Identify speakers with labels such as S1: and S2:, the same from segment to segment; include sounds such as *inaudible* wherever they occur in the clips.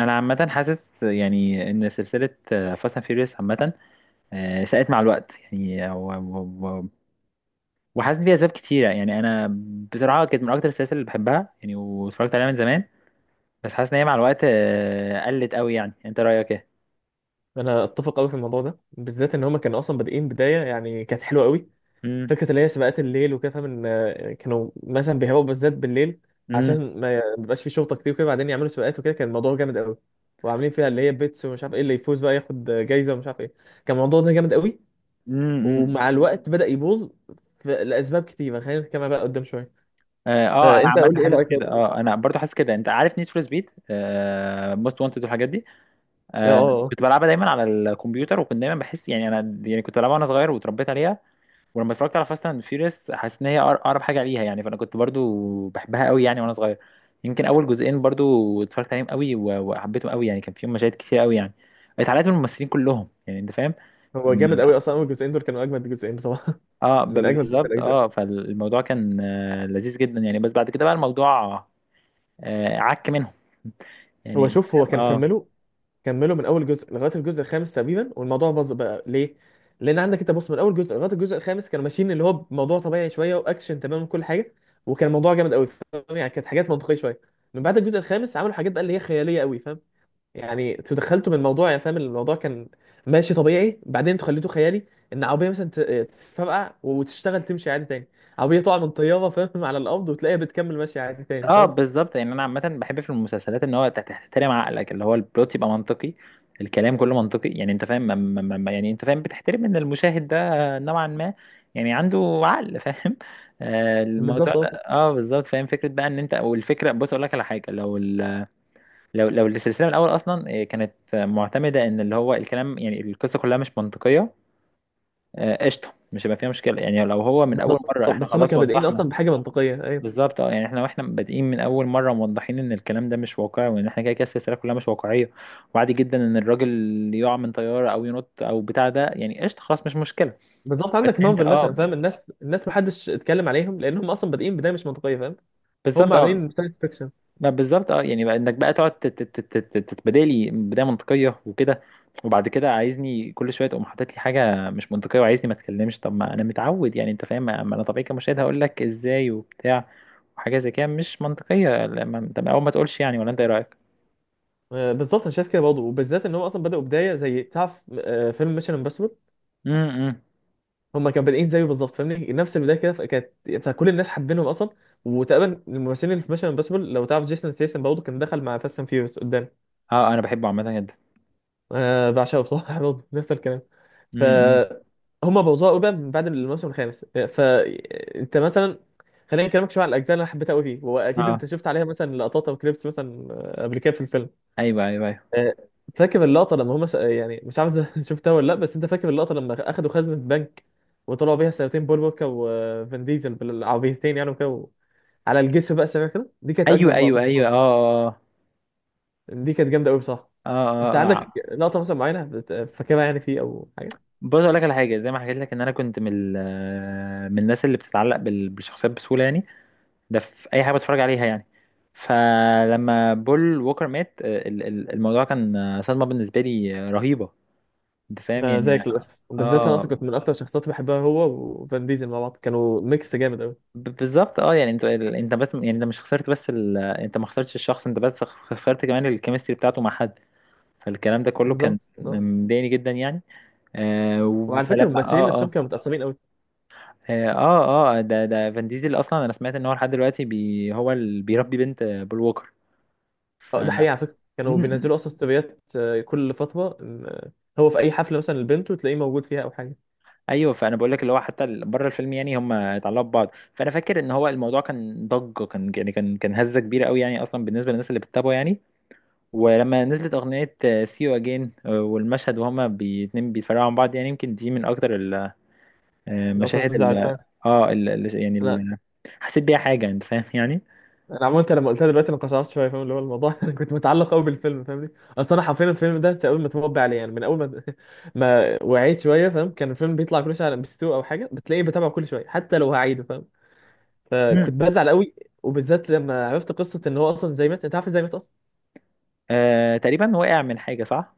S1: انا عامه حاسس يعني ان سلسله فاست اند فيوريوس عامه ساءت مع الوقت يعني وحاسس بيها اسباب كتيره يعني انا بصراحه كانت من اكتر السلاسل اللي بحبها يعني واتفرجت عليها من زمان بس حاسس ان هي مع الوقت قلت قوي يعني يعني انت رايك ايه.
S2: انا اتفق قوي في الموضوع ده بالذات، ان هما كانوا اصلا بادئين بدايه يعني كانت حلوه قوي.
S1: امم
S2: فكره اللي هي سباقات الليل وكده، فاهم ان كانوا مثلا بيهووا بالذات بالليل
S1: امم
S2: عشان ما يبقاش في شرطه كتير وكده، بعدين يعملوا سباقات وكده، كان الموضوع جامد قوي. وعاملين فيها اللي هي بيتس ومش عارف ايه، اللي يفوز بقى ياخد جايزه ومش عارف ايه. كان الموضوع ده جامد قوي،
S1: امم
S2: ومع الوقت بدا يبوظ لاسباب كتيره. خلينا نتكلم بقى قدام شويه.
S1: اه انا
S2: فانت
S1: عامه
S2: قول لي ايه
S1: حاسس
S2: رايك.
S1: كده
S2: اه
S1: اه انا برضو حاسس كده انت عارف نيد فور سبيد موست وانتد والحاجات دي.
S2: اه
S1: آه،
S2: آه.
S1: كنت بلعبها دايما على الكمبيوتر وكنت دايما بحس يعني انا يعني كنت بلعبها وانا صغير واتربيت عليها. ولما اتفرجت على فاست اند فيوريوس حاسس ان هي اقرب حاجه ليها يعني فانا كنت برضو بحبها قوي يعني وانا صغير. يمكن اول جزئين برضو اتفرجت عليهم قوي وحبيتهم قوي يعني كان فيهم مشاهد كتير قوي يعني اتعلقت بالممثلين كلهم يعني انت فاهم.
S2: هو جامد قوي
S1: لما
S2: اصلا، اول جزئين دول كانوا اجمد جزئين بصراحه.
S1: اه
S2: *laughs* من اجمد
S1: بالظبط
S2: الاجزاء.
S1: اه فالموضوع كان لذيذ جدا يعني بس بعد كده بقى الموضوع عك منهم
S2: هو
S1: يعني.
S2: شوف، هو كان
S1: اه
S2: كمله، كملوا من اول جزء لغايه الجزء الخامس تقريبا، والموضوع باظ بقى. ليه؟ لان عندك انت بص، من اول جزء لغايه الجزء الخامس كانوا ماشيين اللي هو بموضوع طبيعي شويه، واكشن تمام وكل حاجه، وكان الموضوع جامد قوي، فاهم يعني؟ كانت حاجات منطقيه شويه. من بعد الجزء الخامس عملوا حاجات بقى اللي هي خياليه قوي، فاهم؟ يعني انتوا دخلتوا من الموضوع، يعني فاهم، الموضوع كان ماشي طبيعي، بعدين انتوا خليته خيالي. ان عربيه مثلا تتفرقع وتشتغل تمشي عادي تاني. عربيه تقع من طياره، فاهم، على الارض، وتلاقيها بتكمل ماشيه عادي تاني،
S1: اه
S2: فاهم.
S1: بالظبط يعني انا عامه بحب في المسلسلات ان هو تحترم عقلك اللي هو البلوت يبقى منطقي. الكلام كله منطقي يعني انت فاهم يعني انت فاهم بتحترم ان المشاهد ده نوعا ما يعني عنده عقل *laughs* فاهم. آه الموضوع
S2: بالظبط
S1: ده
S2: اه.
S1: اه بالظبط فاهم فكره بقى ان انت او الفكره بص اقول لك على حاجه لو ال... لو لو السلسله من الاول اصلا كانت معتمده ان اللي هو الكلام يعني القصه كلها مش منطقيه. قشطه مش هيبقى فيها مشكله يعني لو هو من اول
S2: بالظبط
S1: مره
S2: آه.
S1: احنا
S2: بس هما
S1: خلاص
S2: كانوا بادئين
S1: وضحنا.
S2: اصلا بحاجه منطقيه، ايوه
S1: بالظبط اه يعني احنا واحنا بادئين من اول مره موضحين ان الكلام ده مش واقعي وان احنا كده كده السلسله كلها مش واقعيه. وعادي جدا ان الراجل يقع من طياره او ينط او بتاع ده يعني قشطه خلاص مش مشكله.
S2: بالظبط.
S1: بس
S2: عندك
S1: انت
S2: مارفل مثلا،
S1: اه
S2: فاهم، الناس محدش اتكلم عليهم لان هم اصلا بادئين بدايه مش منطقيه، فاهم. هم
S1: بالظبط
S2: عاملين
S1: اه
S2: ساينس فيكشن.
S1: ما بالظبط اه يعني بقى انك بقى تقعد تتبادل لي بدايه منطقيه وكده. وبعد كده عايزني كل شويه تقوم حاطط لي حاجه مش منطقيه وعايزني ما اتكلمش طب ما انا متعود يعني انت فاهم ما انا طبيعي كمشاهد هقول لك ازاي وبتاع. وحاجه زي كده مش منطقيه طب اول ما تقولش يعني ولا انت ايه رايك؟
S2: بالظبط، انا شايف كده برضه، وبالذات ان هم اصلا بداوا بدايه زي، تعرف، فيلم ميشن امبوسيبل.
S1: امم
S2: هم كانوا بادئين زيه بالظبط، فاهمني، نفس البدايه كده، فكانت فكل الناس حابينهم اصلا. وتقريبا الممثلين اللي في ميشن امبوسيبل، لو تعرف جيسون ستيسن برضه كان دخل مع فاست اند فيوريوس قدام.
S1: اه انا بحبه عامه جدا.
S2: انا بعشقه بصراحه. *laughs* برضه نفس الكلام. ف
S1: امم
S2: هما بوظوها قوي بقى من بعد الموسم الخامس. فانت مثلا، خلينا نكلمك شويه على الاجزاء اللي انا حبيتها قوي فيه. واكيد انت
S1: اه
S2: شفت عليها مثلا لقطات او كليبس مثلا قبل كده في الفيلم.
S1: ايوه ايوه
S2: آه، فاكر اللقطه لما هما يعني مش عارف إذا *laughs* شفتها ولا لا، بس انت فاكر اللقطه لما اخدوا خزنه بنك وطلعوا بيها سيارتين، بول ووكر وفان ديزل بالعربيتين يعني، على الجسر بقى سريع كده، دي كانت
S1: ايوه
S2: اجمد لقطه
S1: ايوه ايوه ايوه
S2: بصراحه.
S1: اه اه
S2: دي كانت جامده قوي بصراحه.
S1: اه اه
S2: انت
S1: اه
S2: عندك
S1: آه.
S2: لقطه مثلا معينه فاكرها يعني فيه، او حاجه؟
S1: بص اقول لك على حاجه زي ما حكيت لك ان انا كنت من من الناس اللي بتتعلق بالشخصيات بسهوله يعني ده في اي حاجه بتفرج عليها يعني. فلما بول ووكر مات الموضوع كان صدمه بالنسبه لي رهيبه. انت فاهم يعني
S2: زيك للاسف، بالذات انا اصلا
S1: اه
S2: كنت من اكتر الشخصيات اللي بحبها هو وفان ديزل. مع بعض كانوا ميكس جامد قوي.
S1: بالظبط اه يعني انت انت بس يعني انت مش خسرت بس ال... انت ما خسرتش الشخص انت بس خسرت كمان الكيمستري بتاعته مع حد. فالكلام ده كله كان
S2: بالظبط.
S1: مضايقني جدا يعني آه
S2: وعلى فكره
S1: فلما
S2: الممثلين
S1: اه اه
S2: نفسهم كانوا متقسمين قوي.
S1: اه اه آه، ده فان ديزل اصلا انا سمعت ان هو لحد دلوقتي بي هو اللي بيربي بنت بول ووكر ف.
S2: ده حقيقه، على فكره كانوا
S1: مم.
S2: بينزلوا اصلا ستوريات كل فتره إن، آه، هو في اي حفله مثلا لبنته تلاقيه موجود فيها، او حاجه.
S1: ايوه فانا بقول لك اللي هو حتى بره الفيلم يعني هم اتعلقوا ببعض فانا فاكر ان هو الموضوع كان ضجه كان يعني كان هزه كبيره قوي يعني اصلا بالنسبه للناس اللي بتتابعه يعني. ولما نزلت اغنيه سي يو اجين والمشهد وهما اتنين بيتفرقوا عن بعض يعني يمكن دي من اكتر
S2: لو
S1: المشاهد
S2: تنزل
S1: ال-
S2: عارفها.
S1: اه يعني
S2: انا
S1: حسيت بيها حاجة انت فاهم يعني.
S2: انا عملت، لما قلتها دلوقتي انا قشعرت شويه، فاهم اللي هو الموضوع. *laughs* انا كنت متعلق قوي بالفيلم، فاهمني. اصلا انا حرفيا الفيلم ده تقريبا متربي عليه، يعني من اول ما *laughs* ما وعيت شويه، فاهم. كان الفيلم بيطلع كل شويه على ام بي 2 او حاجه، بتلاقيه بتابعه كل شويه حتى لو هعيده، فاهم.
S1: مم.
S2: فكنت بزعل قوي، وبالذات لما عرفت قصه ان هو اصلا، زي مات، انت عارف ازاي مات اصلا.
S1: آه تقريبا وقع من حاجة صح.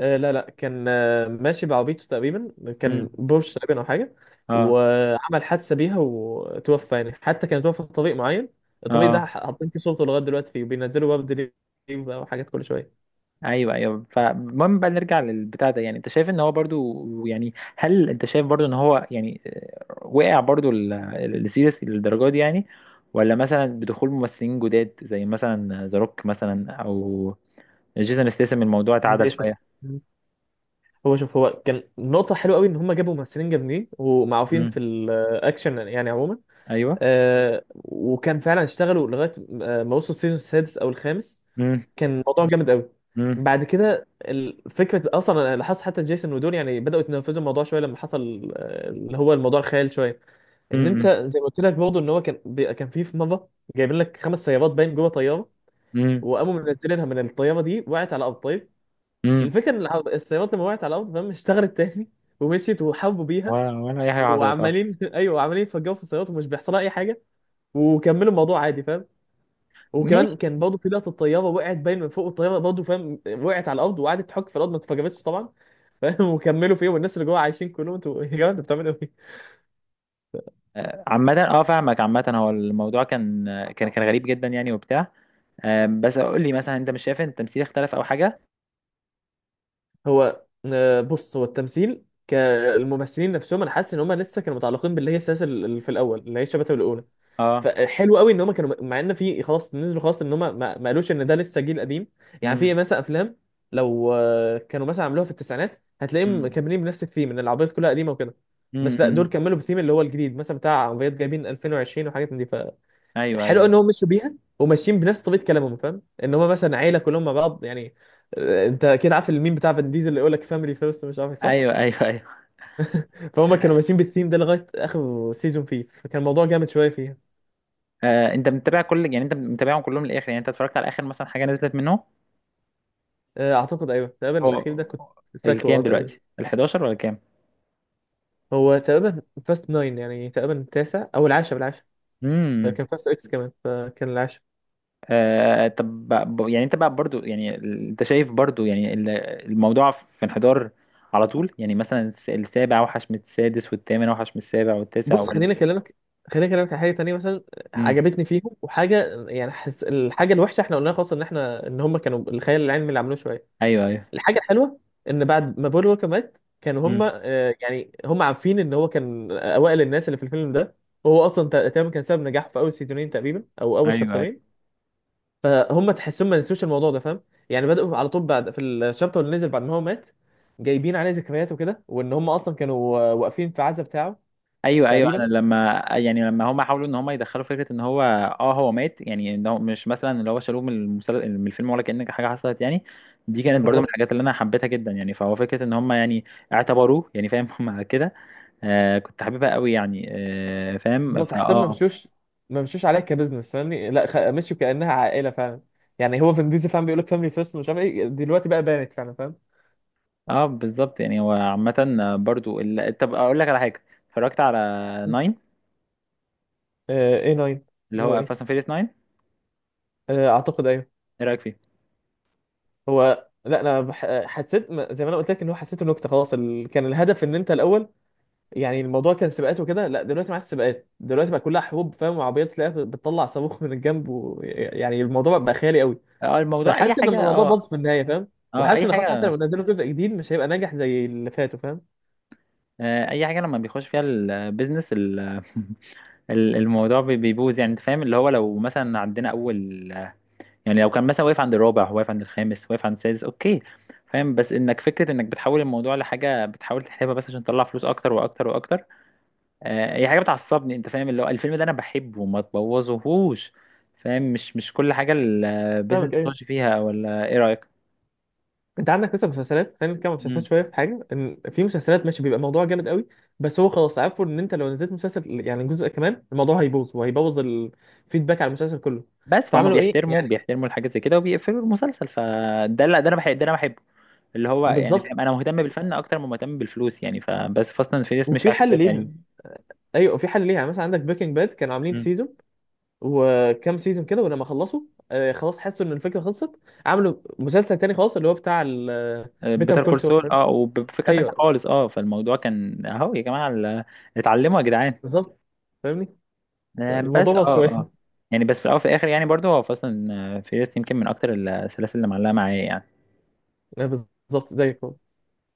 S2: آه لا لا، كان آه ماشي بعربيته تقريبا، كان
S1: مم.
S2: بورش تقريبا او حاجه.
S1: اه
S2: وعمل حادثه بيها وتوفى، يعني حتى كان توفى في طريق معين. الطريق ده
S1: اه
S2: حاطين فيه صورته لغايه دلوقتي فيه، وبينزلوا ورد ليه بقى وحاجات كل شويه.
S1: ايوه ايوه فالمهم بقى نرجع للبتاع ده يعني انت شايف ان هو برضو يعني هل انت شايف برضو ان هو يعني وقع برضو السيريس للدرجة دي يعني. ولا مثلا بدخول ممثلين جداد زي مثلا ذا روك مثلا او جيسون ستاثام الموضوع
S2: من
S1: اتعدل
S2: جيسون.
S1: شوية.
S2: مم. هو شوف، هو كان نقطة حلوة قوي إن هما جابوا ممثلين جامدين ومعروفين في
S1: مم.
S2: الأكشن يعني عموما.
S1: ايوه
S2: وكان فعلا اشتغلوا لغاية ما وصلوا السيزون السادس أو الخامس،
S1: مم.
S2: كان الموضوع جامد قوي.
S1: مم.
S2: بعد كده فكره، اصلا انا لاحظت حتى جيسون ودول يعني بداوا يتنفذوا الموضوع شويه، لما حصل اللي هو الموضوع الخيال شويه. ان انت
S1: مم.
S2: زي ما قلت لك برضه ان هو كان في مره جايبين لك خمس سيارات باين جوه طياره،
S1: مم.
S2: وقاموا منزلينها من الطياره، دي وقعت على الارض، طيب.
S1: مم.
S2: الفكره ان السيارات لما وقعت على الارض، فاهم، اشتغلت تاني *laughs* ومشيت وحاربوا بيها،
S1: ولا ولا اي حاجة حصلت اه
S2: وعمالين *laughs* ايوه عمالين يفجروا في السيارات ومش بيحصلها اي حاجه، وكملوا الموضوع عادي، فاهم. وكمان
S1: ماشي.
S2: كان برضه في لقطه الطياره، وقعت باين من فوق الطياره برضه، فاهم، وقعت على الارض وقعدت تحك في الارض، ما اتفجرتش طبعا، فاهم. *laughs* وكملوا فيه، والناس اللي جوه عايشين كلهم. انتوا يا جماعه انتوا بتعملوا ايه؟
S1: عامة اه فاهمك عامة هو الموضوع كان كان غريب جدا يعني وبتاع. آم، بس قول لي مثلا انت مش شايف ان التمثيل اختلف او حاجة؟
S2: هو بص، هو التمثيل كالممثلين نفسهم، انا حاسس ان هم لسه كانوا متعلقين باللي هي السلاسل اللي في الاول، اللي هي الشبكه الاولى.
S1: اه
S2: فحلو قوي ان هم كانوا، مع ان في خلاص نزلوا خلاص، ان هم ما قالوش ان ده لسه جيل قديم. يعني
S1: امم
S2: في مثلا افلام لو كانوا مثلا عملوها في التسعينات، هتلاقيهم
S1: امم
S2: مكملين بنفس الثيم، ان العربيات كلها قديمه وكده. بس لا، دول
S1: امم
S2: كملوا بالثيم اللي هو الجديد، مثلا بتاع عربيات جايبين 2020 وحاجات من دي.
S1: ايوه
S2: فحلو
S1: ايوه
S2: ان هم مشوا بيها وماشيين بنفس طريقه كلامهم، فاهم، ان هم مثلا عيله كلهم مع بعض يعني. انت كده عارف الميم بتاع فان ديزل اللي يقول لك فاميلي فيرست، مش عارف إيه، صح.
S1: ايوه ايوه ايوه
S2: فهم كانوا
S1: آه،
S2: ماشيين بالثيم ده لغايه اخر سيزون فيه، فكان الموضوع جامد شويه فيها.
S1: آه، انت متابع كل يعني انت متابعهم كلهم للاخر يعني انت اتفرجت على اخر مثلا حاجة نزلت منه.
S2: اعتقد ايوه، تقريبا
S1: هو
S2: الاخير ده كنت فاكره اه
S1: الكام
S2: تقريبا.
S1: دلوقتي؟ ال 11 ولا كام؟
S2: هو تقريبا فاست ناين، يعني تقريبا التاسع او العاشر، العاشر.
S1: امم
S2: كان فاست اكس كمان، فكان العاشر.
S1: آه طب يعني انت بقى برضو يعني ال- انت شايف برضو يعني الموضوع في انحدار على طول يعني مثلا السابع اوحش من السادس والثامن اوحش من السابع والتاسع
S2: بص
S1: ولا.
S2: خليني اكلمك، خليني اكلمك على حاجه تانية مثلا
S1: امم
S2: عجبتني فيهم وحاجه يعني الحاجه الوحشه احنا قلنا خلاص، ان احنا ان هم كانوا الخيال العلمي اللي عملوه شويه.
S1: ايوه ايوه
S2: الحاجه الحلوه ان بعد ما بول ووكر مات، كانوا هم
S1: امم
S2: يعني هم عارفين ان هو كان اوائل الناس اللي في الفيلم ده، وهو اصلا تقريبا كان سبب نجاحه في اول سيزونين تقريبا، او اول
S1: ايوه ايوه
S2: شابترين. فهم تحسهم ما نسوش الموضوع ده، فاهم. يعني بدأوا على طول بعد، في الشابتر اللي نزل بعد ما هو مات جايبين عليه ذكريات وكده، وان هم اصلا كانوا واقفين في عزا بتاعه
S1: ايوه ايوه انا
S2: تقريبا.
S1: لما يعني لما هم حاولوا ان هم يدخلوا فكره ان هو اه هو مات يعني ان هو مش مثلا اللي هو شالوه من المسل... من الفيلم ولا كأن حاجه حصلت يعني. دي كانت برضو من
S2: بالظبط
S1: الحاجات اللي انا حبيتها جدا يعني فهو فكره ان هم يعني اعتبروه يعني فاهم *laughs* هم كده آه كنت حاببها قوي يعني آه فاهم
S2: بالظبط.
S1: فاه
S2: تحسهم ما
S1: اه.
S2: مشوش، ما مشوش عليها كبزنس، فاهمني، لا مشوا كأنها عائلة فعلا. يعني هو فين ديزل، فاهم، بيقول لك فاميلي فيرست، مش عارف ايه، دلوقتي بقى بانت فعلا، فاهم.
S1: اه بالظبط يعني هو عامة برضو ال... طب اقول لك على حاجة اتفرجت على ناين
S2: اي 9،
S1: اللي
S2: اللي هو
S1: هو
S2: ايه.
S1: فاست اند فيريس ناين.
S2: اعتقد ايوه.
S1: ايه رأيك فيه؟
S2: هو لا، انا حسيت زي ما انا قلت لك، ان هو حسيته نكته خلاص. كان الهدف ان انت الاول يعني الموضوع كان سباقات وكده، لا دلوقتي مع السباقات دلوقتي بقى كلها حروب، فاهم، وعربيات تلاقيها بتطلع صاروخ من الجنب يعني الموضوع بقى خيالي قوي.
S1: اه الموضوع اي
S2: فحاسس ان
S1: حاجة
S2: الموضوع
S1: اه
S2: باظ في النهايه، فاهم.
S1: اه
S2: وحاسس
S1: اي
S2: ان خلاص، حتى
S1: حاجة
S2: لو نزلوا جزء جديد، مش هيبقى ناجح زي اللي فاتوا، فاهم.
S1: آه اي حاجة لما بيخش فيها البيزنس ال... *laughs* الموضوع بيبوظ يعني انت فاهم اللي هو لو مثلا عندنا اول يعني لو كان مثلا واقف عند الرابع واقف عند الخامس واقف عند السادس اوكي. فاهم بس انك فكرة انك بتحول الموضوع لحاجة بتحاول تحلبها بس عشان تطلع فلوس اكتر واكتر واكتر. هي حاجه بتعصبني انت فاهم اللي هو الفيلم ده انا بحبه وما تبوظهوش. فاهم مش مش كل حاجه البيزنس
S2: فاهمك ايه.
S1: بتخش فيها ولا ايه رايك.
S2: انت عندك مثلا مسلسلات، خلينا نتكلم عن مسلسلات
S1: مم.
S2: شويه، في حاجه ان في مسلسلات ماشي بيبقى الموضوع جامد قوي. بس هو خلاص عارفه ان انت لو نزلت مسلسل، يعني جزء كمان، الموضوع هيبوظ، وهيبوظ الفيدباك على المسلسل كله.
S1: بس فهم
S2: فعملوا ايه
S1: بيحترموا
S2: يعني.
S1: بيحترموا الحاجات زي كده وبيقفلوا المسلسل فده لا ده انا بحب ده انا بحبه. اللي هو يعني
S2: بالظبط.
S1: فاهم انا مهتم بالفن اكتر ما مهتم بالفلوس يعني فبس فاست اند فيريس مش
S2: وفي
S1: عكس
S2: حل
S1: كده
S2: ليها،
S1: يعني.
S2: ايوه في حل ليها. مثلا عندك بريكنج باد، كانوا عاملين سيزون وكام سيزون كده، ولما خلصوا آه خلاص، حسوا ان الفكره خلصت، عملوا مسلسل تاني خالص اللي هو بتاع بيتر
S1: بيتر
S2: كول
S1: كول
S2: سول.
S1: سول اه وبفكره تانيه
S2: ايوه
S1: خالص اه فالموضوع كان اهو يا جماعه ال- اتعلموا يا جدعان.
S2: بالظبط، فاهمني.
S1: بس اه
S2: الموضوع بس شويه.
S1: اه يعني بس في الاول وفي الاخر يعني برضو هو اصلا فيرست يمكن من اكتر السلاسل اللي معلقه معايا يعني.
S2: *laughs* بالظبط زيك.